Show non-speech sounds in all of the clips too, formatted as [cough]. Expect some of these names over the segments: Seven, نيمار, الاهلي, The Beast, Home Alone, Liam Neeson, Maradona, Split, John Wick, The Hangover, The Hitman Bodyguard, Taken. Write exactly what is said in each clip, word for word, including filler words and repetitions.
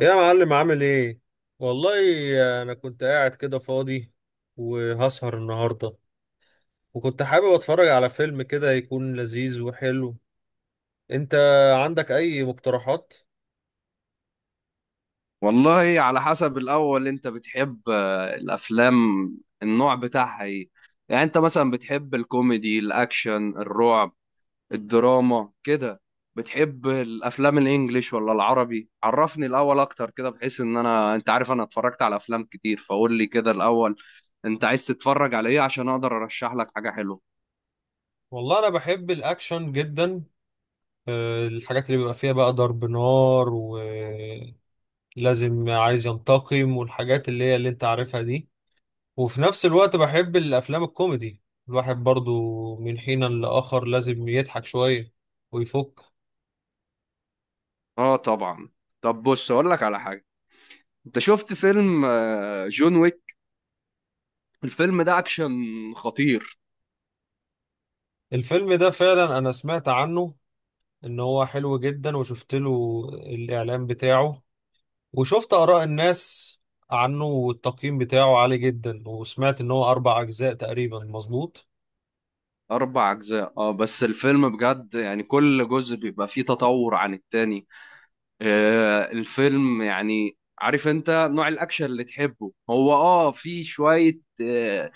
يا معلم عامل ايه؟ والله، انا كنت قاعد كده فاضي وهسهر النهارده، وكنت حابب اتفرج على فيلم كده يكون لذيذ وحلو. انت عندك اي مقترحات؟ والله على حسب. الأول أنت بتحب آه، الأفلام النوع بتاعها إيه؟ يعني أنت مثلا بتحب الكوميدي، الأكشن، الرعب، الدراما كده؟ بتحب الأفلام الإنجليش ولا العربي؟ عرفني الأول أكتر كده، بحيث إن أنا، أنت عارف، أنا اتفرجت على أفلام كتير، فقول لي كده الأول أنت عايز تتفرج على إيه عشان أقدر أرشح لك حاجة حلوة. والله انا بحب الاكشن جدا. آه، الحاجات اللي بيبقى فيها بقى ضرب نار، ولازم عايز ينتقم، والحاجات اللي هي اللي انت عارفها دي. وفي نفس الوقت بحب الافلام الكوميدي، الواحد برضو من حين لآخر لازم يضحك شوية ويفك. آه طبعا. طب بص أقول لك على حاجة. أنت شفت فيلم آه، جون ويك؟ الفيلم ده أكشن خطير. الفيلم ده فعلا انا سمعت عنه ان هو حلو جدا، وشفت له الاعلان بتاعه، وشفت اراء الناس عنه والتقييم بتاعه عالي جدا، وسمعت ان هو اربع اجزاء تقريبا، مظبوط؟ أربع أجزاء اه، بس الفيلم بجد يعني كل جزء بيبقى فيه تطور عن التاني. آه، الفيلم يعني، عارف انت نوع الأكشن اللي تحبه، هو اه في شوية، آه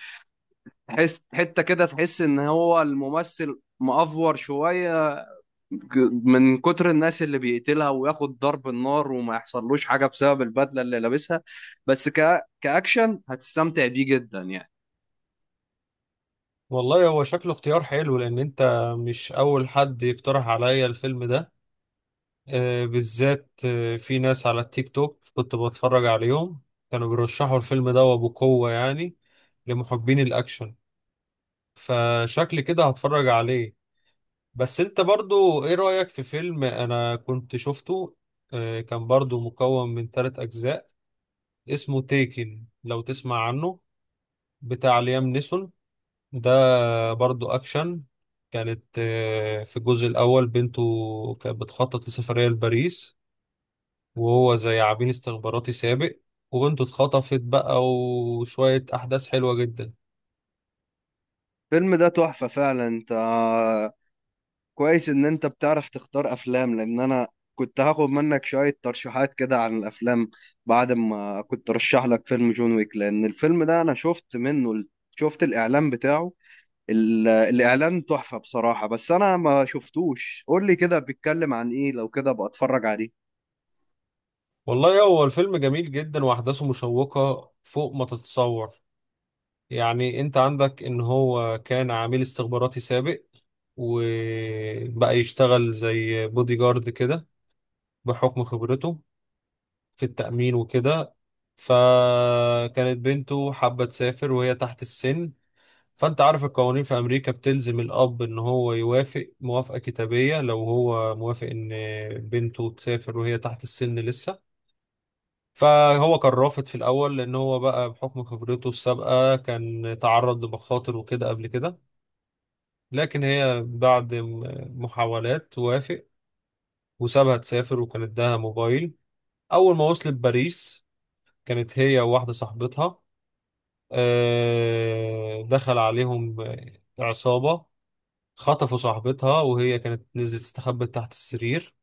تحس حتة كده، تحس ان هو الممثل مأفور شوية. ج- من كتر الناس اللي بيقتلها وياخد ضرب النار وما يحصلوش حاجة بسبب البدلة اللي لابسها. بس ك... كأكشن هتستمتع بيه جدا يعني. والله هو شكله اختيار حلو، لان انت مش اول حد يقترح عليا الفيلم ده. آه، بالذات آه، في ناس على التيك توك كنت بتفرج عليهم، كانوا بيرشحوا الفيلم ده وبقوة يعني لمحبين الاكشن، فشكل كده هتفرج عليه. بس انت برضو ايه رأيك في فيلم انا كنت شفته؟ آه، كان برضو مكون من ثلاث اجزاء، اسمه تيكن لو تسمع عنه، بتاع ليام نيسون ده، برضو اكشن. كانت آه، في الجزء الاول بنته كانت بتخطط لسفرية لباريس، وهو زي عميل استخباراتي سابق، وبنته اتخطفت بقى، وشوية احداث حلوة جدا. الفيلم ده تحفة فعلا. انت كويس ان انت بتعرف تختار افلام، لان انا كنت هاخد منك شوية ترشيحات كده عن الافلام بعد ما كنت رشح لك فيلم جون ويك. لان الفيلم ده انا شفت منه ال- شفت الاعلان بتاعه. ال- الاعلان تحفة بصراحة، بس انا ما شفتوش. قول لي كده بيتكلم عن ايه، لو كده ابقى اتفرج عليه. والله هو الفيلم جميل جدا، واحداثه مشوقة فوق ما تتصور. يعني انت عندك ان هو كان عميل استخباراتي سابق، وبقى يشتغل زي بودي جارد كده بحكم خبرته في التأمين وكده. فكانت بنته حابة تسافر وهي تحت السن، فانت عارف القوانين في امريكا بتلزم الاب ان هو يوافق موافقة كتابية لو هو موافق ان بنته تسافر وهي تحت السن لسه. فهو كان رافض في الاول لان هو بقى بحكم خبرته السابقة كان تعرض لمخاطر وكده قبل كده. لكن هي بعد م- محاولات وافق، وسابها تسافر، وكان اداها موبايل. أول ما وصلت باريس، كانت هي وواحدة صاحبتها، آه، دخل عليهم آه، عصابة، خطفوا صاحبتها، وهي كانت نزلت استخبت تحت السرير،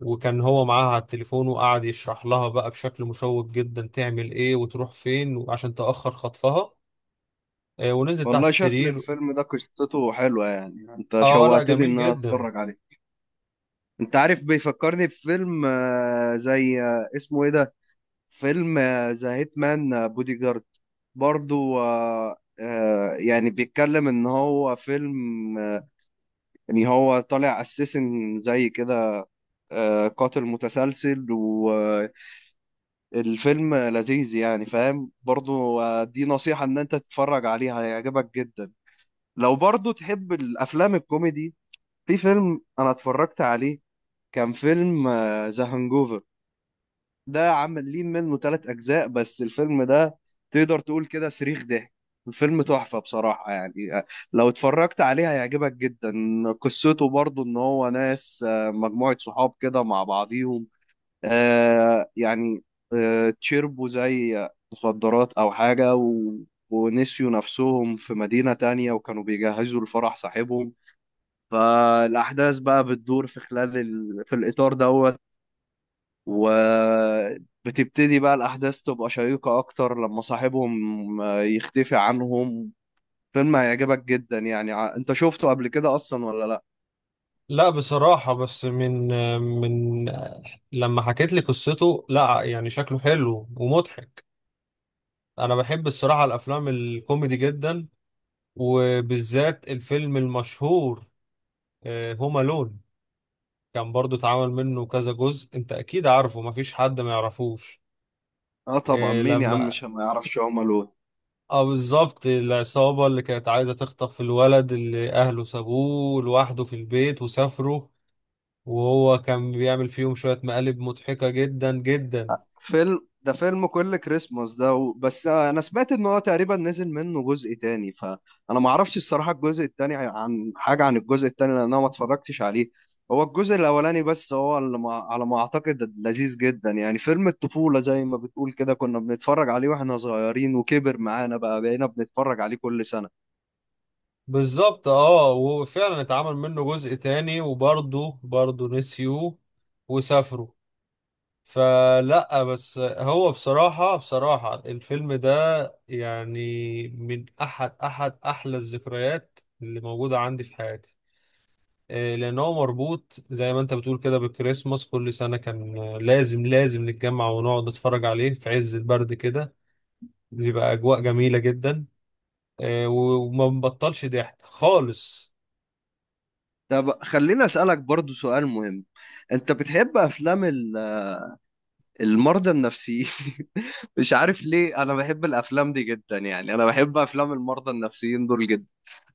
وكان هو معاها على التليفون، وقعد يشرح لها بقى بشكل مشوق جدا تعمل ايه وتروح فين وعشان تأخر خطفها، آه، ونزلت تحت والله شكل السرير. الفيلم ده قصته حلوة يعني، انت اه، لا شوقتني ان جميل انا جدا. اتفرج عليه. انت عارف، بيفكرني بفيلم، آه، زي آه، اسمه ايه ده؟ فيلم آه، ذا هيتمان بودي جارد. برضو آه، آه، يعني بيتكلم ان هو فيلم، آه، ان هو طالع اساسن زي كده، آه، قاتل متسلسل. والفيلم لذيذ يعني فاهم. برضو آه، دي نصيحة ان انت تتفرج عليها، هيعجبك جدا. لو برضو تحب الافلام الكوميدي، في فيلم انا اتفرجت عليه كان فيلم آه، ذا هانجوفر. ده عاملين منه ثلاث اجزاء، بس الفيلم ده تقدر تقول كده صريخ ضحك. الفيلم تحفة بصراحة يعني. آه، لو اتفرجت عليه هيعجبك جدا. قصته برضو ان هو ناس، آه، مجموعة صحاب كده مع بعضيهم، آه، يعني آه، تشربوا زي مخدرات او حاجة و... ونسيوا نفسهم في مدينة تانية، وكانوا بيجهزوا لفرح صاحبهم. فالأحداث بقى بتدور في خلال ال... في الإطار دوت. وبتبتدي بقى الأحداث تبقى شيقة أكتر لما صاحبهم آه، يختفي عنهم. فيلم هيعجبك جدا يعني. ع- أنت شفته قبل كده أصلا ولا لأ؟ لا بصراحة، بس من من لما حكيت لي قصته، لا يعني شكله حلو ومضحك. أنا بحب الصراحة الأفلام الكوميدي جدا، وبالذات الفيلم المشهور آه، هوم ألون، كان برضو اتعمل منه كذا جزء، أنت أكيد عارفه، مفيش حد ما يعرفوش. آه طبعا، آه، مين يا عم لما مش ما يعرفش هوم ألون؟ اه، بالظبط، العصابة اللي كانت عايزة تخطف الولد اللي أهله سابوه لوحده في البيت وسافروا، وهو كان بيعمل فيهم شوية مقالب مضحكة جدا جدا. فيلم ده فيلم كل كريسماس ده و... بس انا سمعت ان هو تقريبا نزل منه جزء تاني، فانا ما اعرفش الصراحه الجزء التاني عن حاجه عن الجزء التاني لان انا ما اتفرجتش عليه. هو الجزء الاولاني بس، هو اللي ما... على ما اعتقد لذيذ جدا يعني. فيلم الطفوله زي ما بتقول كده، كنا بنتفرج عليه واحنا صغيرين، وكبر معانا بقى بقينا بنتفرج عليه كل سنه. بالظبط، اه، وفعلا اتعمل منه جزء تاني، وبرضه برضه نسيوه وسافروا. فلا بس هو بصراحة بصراحة الفيلم ده يعني من أحد أحد أحلى الذكريات اللي موجودة عندي في حياتي. آه، لأن هو مربوط زي ما أنت بتقول كده بالكريسماس، كل سنة كان آه، لازم لازم نتجمع ونقعد نتفرج عليه في عز البرد كده، بيبقى أجواء جميلة جدا، آه، وما بنبطلش ضحك خالص. طب خليني اسالك برضو سؤال مهم. انت بتحب افلام ال... المرضى النفسيين؟ [laughs] مش عارف ليه انا بحب الافلام دي جدا. يعني انا بحب افلام المرضى النفسيين دول جدا.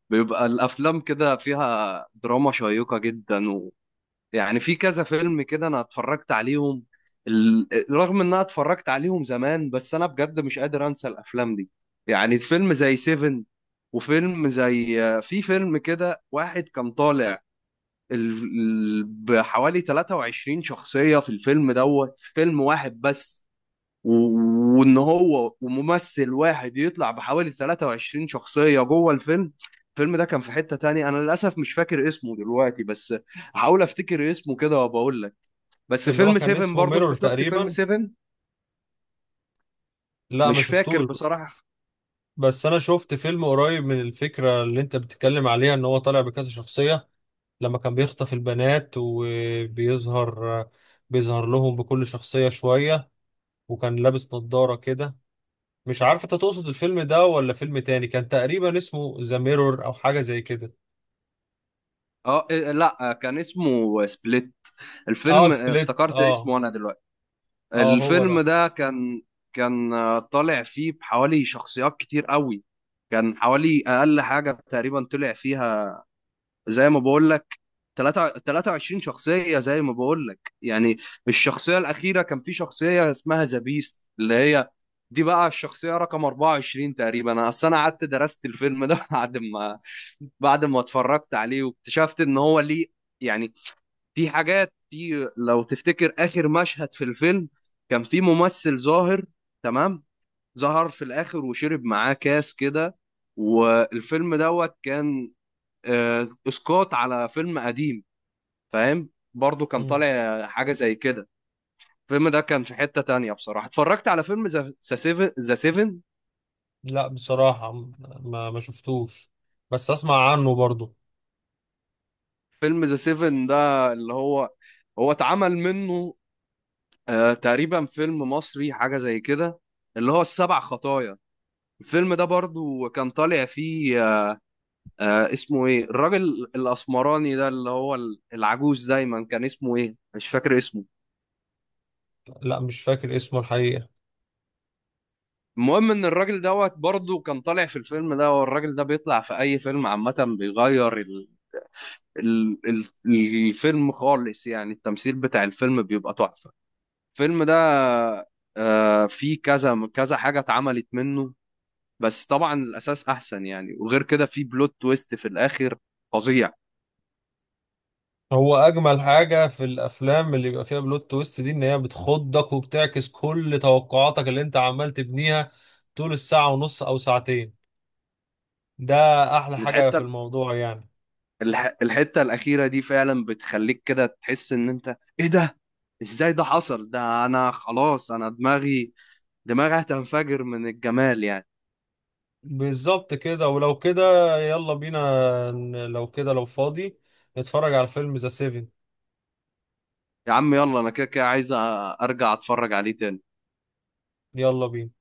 بيبقى الافلام كده فيها دراما شيقة جدا و... يعني في كذا فيلم كده انا اتفرجت عليهم، ال... رغم ان انا اتفرجت عليهم زمان، بس انا بجد مش قادر انسى الافلام دي. يعني فيلم زي سيفن، وفيلم زي في فيلم كده واحد كان طالع ال... ال... بحوالي تلاتة وعشرين شخصية في الفيلم دوت، في فيلم واحد بس. و- وان هو وممثل واحد يطلع بحوالي ثلاثة وعشرين شخصية جوه الفيلم. الفيلم ده كان في حتة تانية، انا للاسف مش فاكر اسمه دلوقتي، بس هحاول افتكر اسمه كده وبقول لك. بس اللي هو فيلم كان سيفن اسمه برضو، انت ميرور شفت فيلم تقريبا. سيفن؟ لا، ما مش فاكر شفتوش، بصراحة. بس انا شفت فيلم قريب من الفكره اللي انت بتتكلم عليها، ان هو طالع بكذا شخصيه، لما كان بيخطف البنات وبيظهر بيظهر لهم بكل شخصيه شويه، وكان لابس نظاره كده. مش عارف انت تقصد الفيلم ده ولا فيلم تاني كان تقريبا اسمه ذا ميرور او حاجه زي كده. اه إيه، لا كان اسمه سبليت. اه، الفيلم، آه، سبليت، افتكرت اه. اسمه انا دلوقتي. اه، هو ده. الفيلم ده كان، كان آه، طالع فيه بحوالي شخصيات كتير قوي. كان حوالي اقل حاجة تقريبا طلع فيها، زي ما بقول، تلاتة- ثلاثة وعشرين شخصية، زي ما بقول لك يعني. الشخصية الأخيرة كان في شخصية اسمها ذا بيست، اللي هي دي بقى الشخصية رقم أربعة وعشرين تقريبا. أنا أصل أنا قعدت درست الفيلم ده [laughs] بعد ما بعد ما اتفرجت عليه واكتشفت إن هو ليه يعني. في حاجات، في لو تفتكر آخر مشهد في الفيلم، كان في ممثل ظاهر، تمام، ظهر في الآخر وشرب معاه كاس كده. والفيلم دوت كان آه، اسقاط على فيلم قديم، فاهم. برضو كان مم. طالع حاجه زي كده. الفيلم ده كان في حته تانية بصراحه. اتفرجت على فيلم ذا سيفن ذا سيفن لا، بصراحه، ما ما شفتوش، بس اسمع عنه برضو. فيلم ذا سيفن ده اللي هو، هو اتعمل منه آه تقريبا فيلم مصري حاجه زي كده، اللي هو السبع خطايا. الفيلم ده برضو كان طالع فيه آه، آه، اسمه ايه الراجل الاسمراني ده اللي هو ال- العجوز دايما، كان اسمه ايه مش فاكر اسمه. لا، مش فاكر اسمه الحقيقه. المهم ان الراجل دوت برضو كان طالع في الفيلم ده، والراجل ده بيطلع في اي فيلم عامه بيغير ال- ال- الفيلم خالص يعني. التمثيل بتاع الفيلم بيبقى تحفة. الفيلم ده آه، فيه كذا كذا حاجة اتعملت منه، بس طبعا الأساس أحسن يعني. وغير كده فيه بلوت تويست في الآخر فظيع. هو اجمل حاجه في الافلام اللي بيبقى فيها بلوت تويست دي، ان هي بتخضك، وبتعكس كل توقعاتك اللي انت عمال تبنيها طول الساعه ونص او ساعتين. ده احلى حاجه في الحتة الموضوع يعني. الح- الحتة الأخيرة دي فعلا بتخليك كده تحس إن أنت إيه ده، إزاي ده حصل ده؟ أنا خلاص أنا، دماغي دماغي هتنفجر من الجمال يعني. بالظبط كده، ولو كده، يلا بينا، ن- لو كده، لو فاضي، نتفرج على فيلم ذا سيفن. يا عم يلا، أنا كده كده عايز أ- أرجع أتفرج عليه تاني. يلا بينا.